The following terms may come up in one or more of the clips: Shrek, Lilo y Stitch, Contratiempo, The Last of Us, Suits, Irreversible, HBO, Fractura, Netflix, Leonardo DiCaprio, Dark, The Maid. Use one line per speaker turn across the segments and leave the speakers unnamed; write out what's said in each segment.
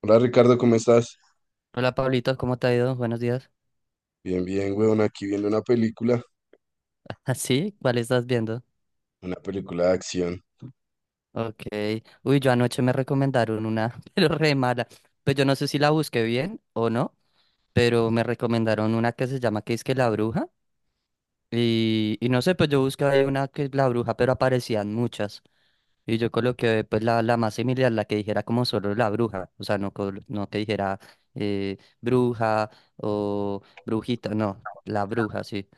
Hola Ricardo, ¿cómo estás?
Hola Pablito, ¿cómo te ha ido? Buenos días.
Bien, bien, weón, aquí viendo
¿Así? ¿Cuál estás viendo?
una película de acción.
Ok. Uy, yo anoche me recomendaron una, pero re mala. Pues yo no sé si la busqué bien o no, pero me recomendaron una que se llama que es que La Bruja. Y no sé, pues yo busqué ahí una que es La Bruja, pero aparecían muchas. Y yo coloqué pues la más similar, la que dijera como solo La Bruja. O sea, no, no que dijera bruja o brujita, no, La Bruja, sí.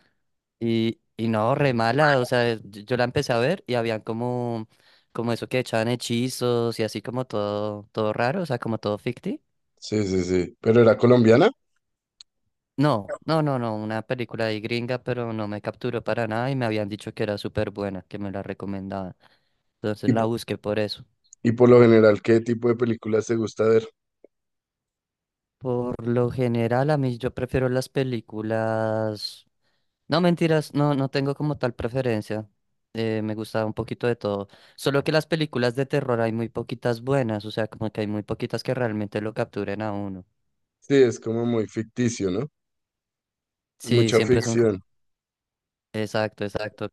Y no, re mala, o sea, yo la empecé a ver y habían como, como eso que echaban hechizos y así como todo, todo raro, o sea, como todo ficti.
Sí, sí, sí. ¿Pero era colombiana?
No, no, no, no, una película de gringa, pero no me capturó para nada y me habían dicho que era súper buena, que me la recomendaban.
Y,
Entonces la
po-
busqué por eso.
y por lo general, ¿qué tipo de películas te gusta ver?
Por lo general, a mí yo prefiero las películas. No, mentiras, no, no tengo como tal preferencia. Me gusta un poquito de todo. Solo que las películas de terror hay muy poquitas buenas, o sea, como que hay muy poquitas que realmente lo capturen a uno.
Sí, es como muy ficticio, ¿no?
Sí,
Mucha
siempre son...
ficción.
Exacto, exacto.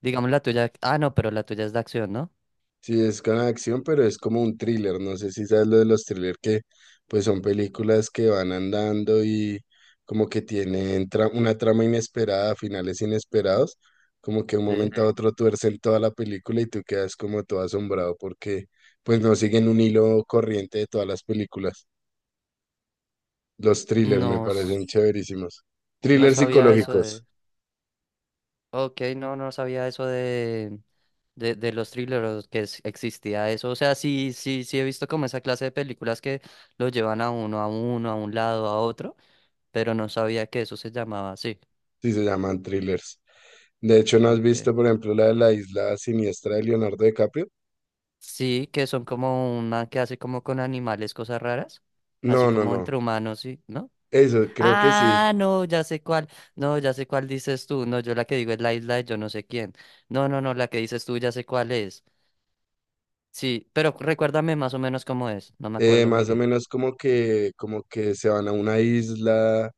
Digamos la tuya... Ah, no, pero la tuya es de acción, ¿no?
Sí, es con acción, pero es como un thriller. No sé si sabes lo de los thrillers que pues son películas que van andando y como que tienen una trama inesperada, finales inesperados, como que de un
Sí.
momento a otro tuercen toda la película y tú quedas como todo asombrado porque pues no siguen un hilo corriente de todas las películas. Los thrillers me
No,
parecen chéverísimos.
no
Thrillers
sabía eso
psicológicos,
de... Ok, no, no sabía eso de... De los thrillers, que existía eso. O sea, sí, sí, sí he visto como esa clase de películas que lo llevan a uno, a uno, a un lado, a otro. Pero no sabía que eso se llamaba así.
sí se llaman thrillers. De hecho, ¿no has
¿Ok?
visto, por ejemplo, la de la isla siniestra de Leonardo DiCaprio?
Sí, que son como una que hace como con animales cosas raras, así
No, no,
como
no.
entre humanos, ¿sí? ¿No?
Eso, creo que sí.
Ah, no, ya sé cuál, no, ya sé cuál dices tú, no, yo la que digo es la isla de yo no sé quién. No, no, no, la que dices tú ya sé cuál es. Sí, pero recuérdame más o menos cómo es, no me acuerdo muy
Más o
bien.
menos como que se van a una isla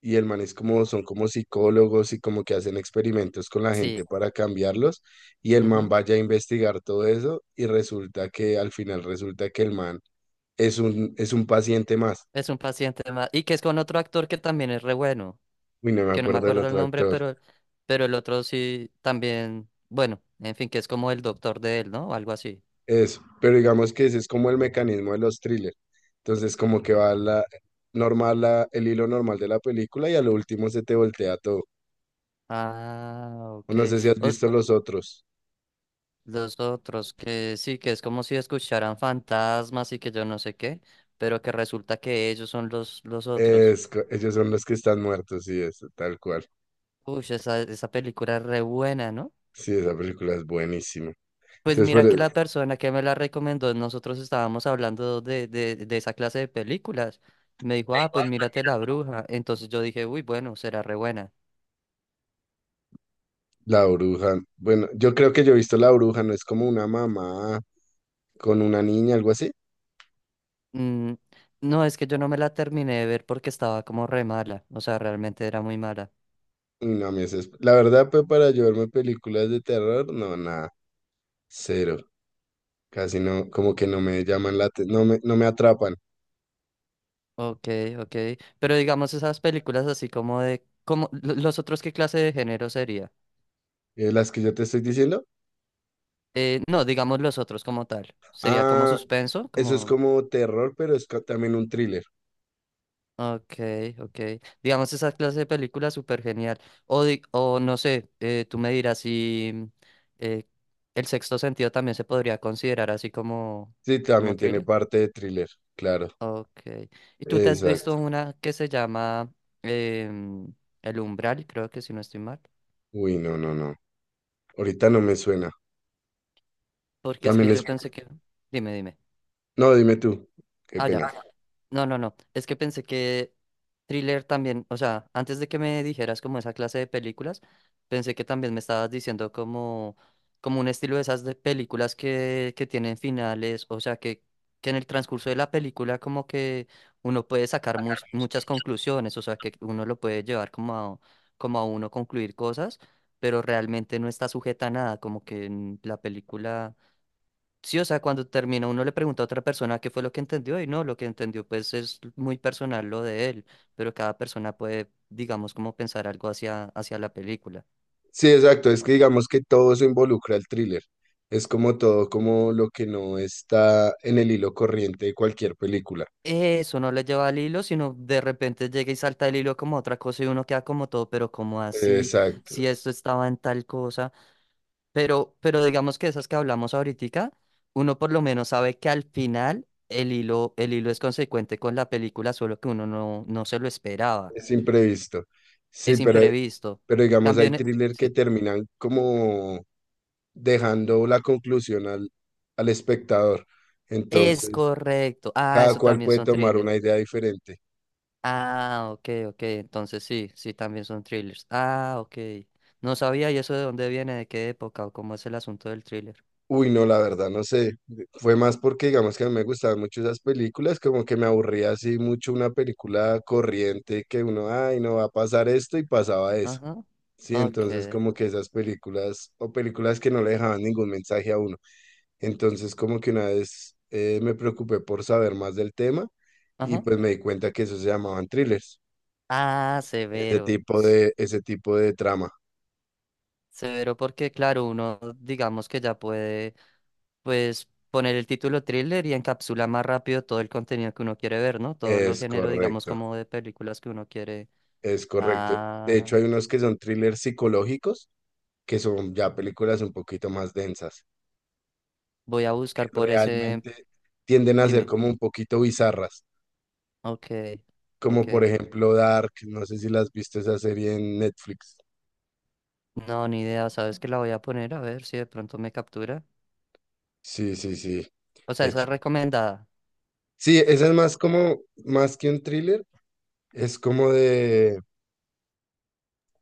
y el man es como, son como psicólogos y como que hacen experimentos con la gente
Sí,
para cambiarlos y el man
ujú.
vaya a investigar todo eso y resulta que al final resulta que el man es un paciente más.
Es un paciente más, y que es con otro actor que también es re bueno.
Uy, no me
Que no me
acuerdo del
acuerdo el
otro
nombre,
actor.
pero el otro sí también, bueno, en fin, que es como el doctor de él, ¿no? O algo así.
Eso, pero digamos que ese es como el mecanismo de los thrillers. Entonces como que va la normal, la, el hilo normal de la película y a lo último se te voltea todo.
Ah,
O
ok.
no sé si has
Os-
visto los otros.
los otros que sí, que es como si escucharan fantasmas y que yo no sé qué, pero que resulta que ellos son los otros.
Ellos son los que están muertos, sí, es tal cual.
Uy, esa película es re buena, ¿no?
Sí, esa película es buenísima.
Pues
Entonces,
mira que
pero
la persona que me la recomendó, nosotros estábamos hablando de esa clase de películas. Me dijo, ah, pues mírate La Bruja. Entonces yo dije, uy, bueno, será re buena.
la bruja, bueno, yo creo que yo he visto la bruja, no es como una mamá con una niña, algo así.
Mm, no, es que yo no me la terminé de ver porque estaba como re mala, o sea, realmente era muy mala.
Uy, no, a mí la verdad, pues para yo verme películas de terror, no, nada, cero. Casi no, como que no me llaman la atención, no me, no me atrapan.
Ok, ok, pero digamos esas películas así como de, como, los otros, ¿qué clase de género sería?
Las que yo te estoy diciendo,
No, digamos los otros como tal, sería como
ah,
suspenso,
eso es
como,
como terror, pero es también un thriller.
ok, ok, digamos esa clase de película súper genial, o, o no sé, tú me dirás si eh, el sexto sentido también se podría considerar así como,
Sí,
como
también tiene
thriller.
parte de thriller, claro.
Ok. ¿Y tú te has visto
Exacto.
una que se llama em, El Umbral? Creo que si no estoy mal.
Uy, no, no, no. Ahorita no me suena.
Porque es
También
que yo
es...
pensé que... Dime, dime.
No, dime tú. Qué
Ah, ya.
pena.
No, no, no. Es que pensé que thriller también, o sea, antes de que me dijeras como esa clase de películas, pensé que también me estabas diciendo como, como un estilo de esas de películas que tienen finales, o sea, que en el transcurso de la película como que uno puede sacar muchas conclusiones, o sea, que uno lo puede llevar como a, como a uno concluir cosas, pero realmente no está sujeta a nada, como que en la película... Sí, o sea, cuando termina uno le pregunta a otra persona qué fue lo que entendió y no, lo que entendió pues es muy personal lo de él, pero cada persona puede, digamos, como pensar algo hacia, hacia la película.
Sí, exacto. Es que digamos que todo eso involucra el thriller. Es como todo, como lo que no está en el hilo corriente de cualquier película.
Eso no le lleva al hilo, sino de repente llega y salta el hilo como otra cosa y uno queda como todo, pero como así,
Exacto.
si esto estaba en tal cosa, pero digamos que esas que hablamos ahorita, uno por lo menos sabe que al final el hilo es consecuente con la película, solo que uno no, no se lo esperaba.
Es imprevisto. Sí,
Es imprevisto.
pero digamos
Cambio
hay
en...
thriller que
Sí.
terminan como dejando la conclusión al, al espectador.
Es
Entonces,
correcto. Ah,
cada
eso
cual
también
puede
son
tomar
thrillers.
una idea diferente.
Ah, ok, ok. Entonces sí, sí, también son thrillers. Ah, ok. No sabía y eso de dónde viene, de qué época o cómo es el asunto del thriller.
Uy, no, la verdad, no sé. Fue más porque, digamos, que a mí me gustaban mucho esas películas, como que me aburría así mucho una película corriente que uno, ay, no va a pasar esto y pasaba eso.
Ajá.
Sí,
Ok.
entonces como que esas películas o películas que no le dejaban ningún mensaje a uno. Entonces como que una vez me preocupé por saber más del tema y
Ajá.
pues me di cuenta que eso se llamaban thrillers,
Ah, severo.
ese tipo de trama.
Severo porque, claro, uno digamos que ya puede, pues, poner el título thriller y encapsula más rápido todo el contenido que uno quiere ver, ¿no? Todo los
Es
género, digamos,
correcto,
como de películas que uno quiere.
es correcto. De
Ah,
hecho, hay unos que son thrillers psicológicos que son ya películas un poquito más densas,
voy a
que
buscar por ese.
realmente tienden a ser
Dime.
como un poquito bizarras,
Ok,
como
ok.
por ejemplo Dark, no sé si las viste esa serie en Netflix.
No, ni idea. ¿Sabes que la voy a poner? A ver si de pronto me captura.
Sí, sí, sí.
O sea,
es
esa es
ch-
recomendada.
Sí, esa es más como, más que un thriller, es como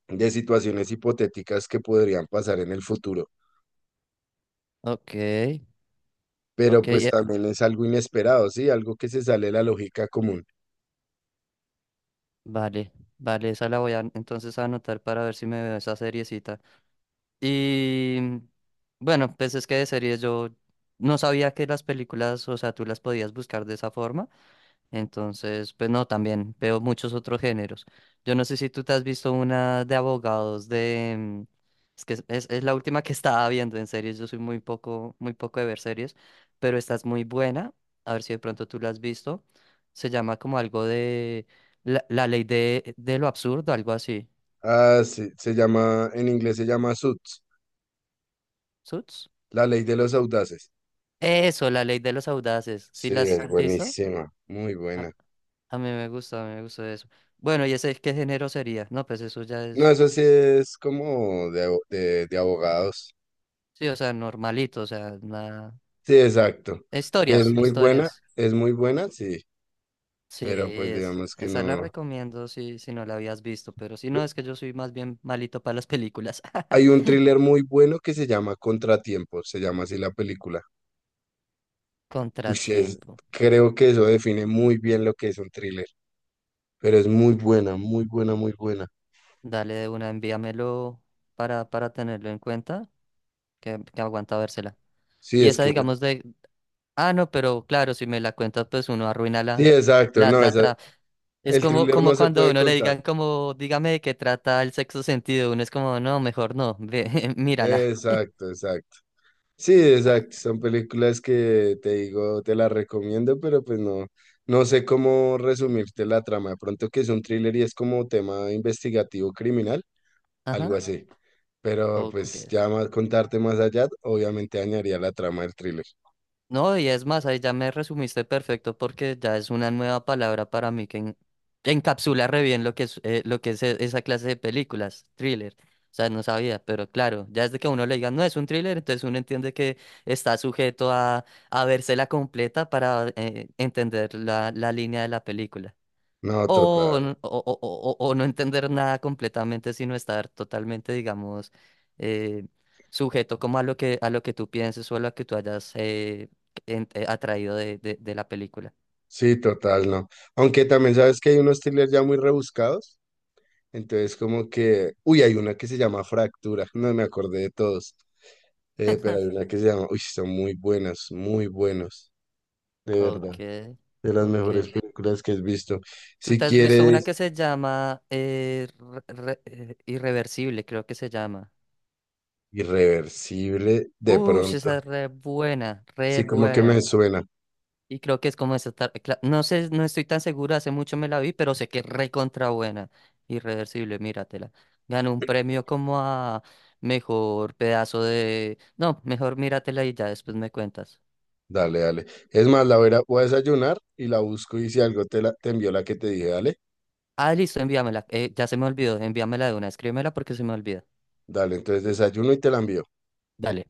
de situaciones hipotéticas que podrían pasar en el futuro,
Ok,
pero
ok.
pues también es algo inesperado, ¿sí? Algo que se sale de la lógica común.
Vale, vale. Esa la voy a entonces a anotar para ver si me veo esa seriecita. Y bueno, pues es que de series yo no sabía que las películas, o sea, tú las podías buscar de esa forma. Entonces, pues no, también veo muchos otros géneros. Yo no sé si tú te has visto una de abogados de... es que es, es la última que estaba viendo en series. Yo soy muy poco de ver series, pero esta es muy buena. A ver si de pronto tú la has visto. Se llama como algo de la ley de lo absurdo, algo así.
Ah, sí, se llama, en inglés se llama Suits,
¿Suits?
la ley de los audaces.
Eso, la ley de los audaces. ¿Sí
Sí,
la has
es
visto?
buenísima, muy
A,
buena.
a mí me gusta, a mí me gusta eso. Bueno, ¿y ese qué género sería? No, pues eso ya
No,
es...
eso sí es como de, de abogados.
Sí, o sea, normalito, o sea, nada.
Sí, exacto. Que
Historias, historias.
es muy buena, sí,
Sí,
pero pues
es,
digamos que
esa la
no.
recomiendo si, si no la habías visto, pero si no, es que yo soy más bien malito para las películas.
Hay un thriller muy bueno que se llama Contratiempo, se llama así la película. Uy, sí, es,
Contratiempo.
creo que eso define muy bien lo que es un thriller, pero es muy buena, muy buena, muy buena.
Dale de una, envíamelo para tenerlo en cuenta, que aguanta vérsela.
Sí,
Y
es
esa,
que,
digamos, de. Ah, no, pero claro, si me la cuentas, pues uno arruina
sí,
la,
exacto,
la, es
el
como,
thriller no
como
se
cuando a
puede
uno le
contar.
digan, como, dígame de qué trata el sexto sentido. Uno es como, no, mejor no, ve, mírala.
Exacto, exacto. Sí,
Ah,
exacto. Son películas que te digo, te las recomiendo, pero pues no, no sé cómo resumirte la trama. De pronto que es un thriller y es como tema investigativo criminal, algo
ajá.
así. Pero pues
Ok.
ya más contarte más allá, obviamente dañaría la trama del thriller.
No, y es más, ahí ya me resumiste perfecto porque ya es una nueva palabra para mí que encapsula re bien lo que es esa clase de películas, thriller. O sea, no sabía, pero claro, ya desde que a uno le diga, no es un thriller, entonces uno entiende que está sujeto a vérsela completa para entender la línea de la película.
No,
O,
total.
o, no entender nada completamente, sino estar totalmente, digamos, eh, sujeto como a lo que tú pienses o a lo que tú hayas atraído de la película.
Sí, total, no. Aunque también sabes que hay unos thrillers ya muy rebuscados. Entonces, como que, uy, hay una que se llama Fractura, no me acordé de todos, pero hay una que se llama, uy, son muy buenas, muy buenos, de verdad,
Ok,
de las mejores
ok.
películas que has visto.
¿Tú
Si
te has visto una
quieres,
que se llama Irreversible, creo que se llama?
Irreversible, de
Uy,
pronto,
esa es re buena, re
sí, como que me
buena.
suena,
Y creo que es como esa no sé, no estoy tan segura, hace mucho me la vi, pero sé que es recontra buena. Irreversible, míratela. Ganó un premio como a mejor pedazo de. No, mejor míratela y ya después me cuentas.
dale, dale. Es más, la voy voy a desayunar y la busco y si algo te, la, te envió la que te dije, dale,
Ah, listo, envíamela. Ya se me olvidó, envíamela de una, escríbemela porque se me olvida.
dale, entonces desayuno y te la envío.
Dale.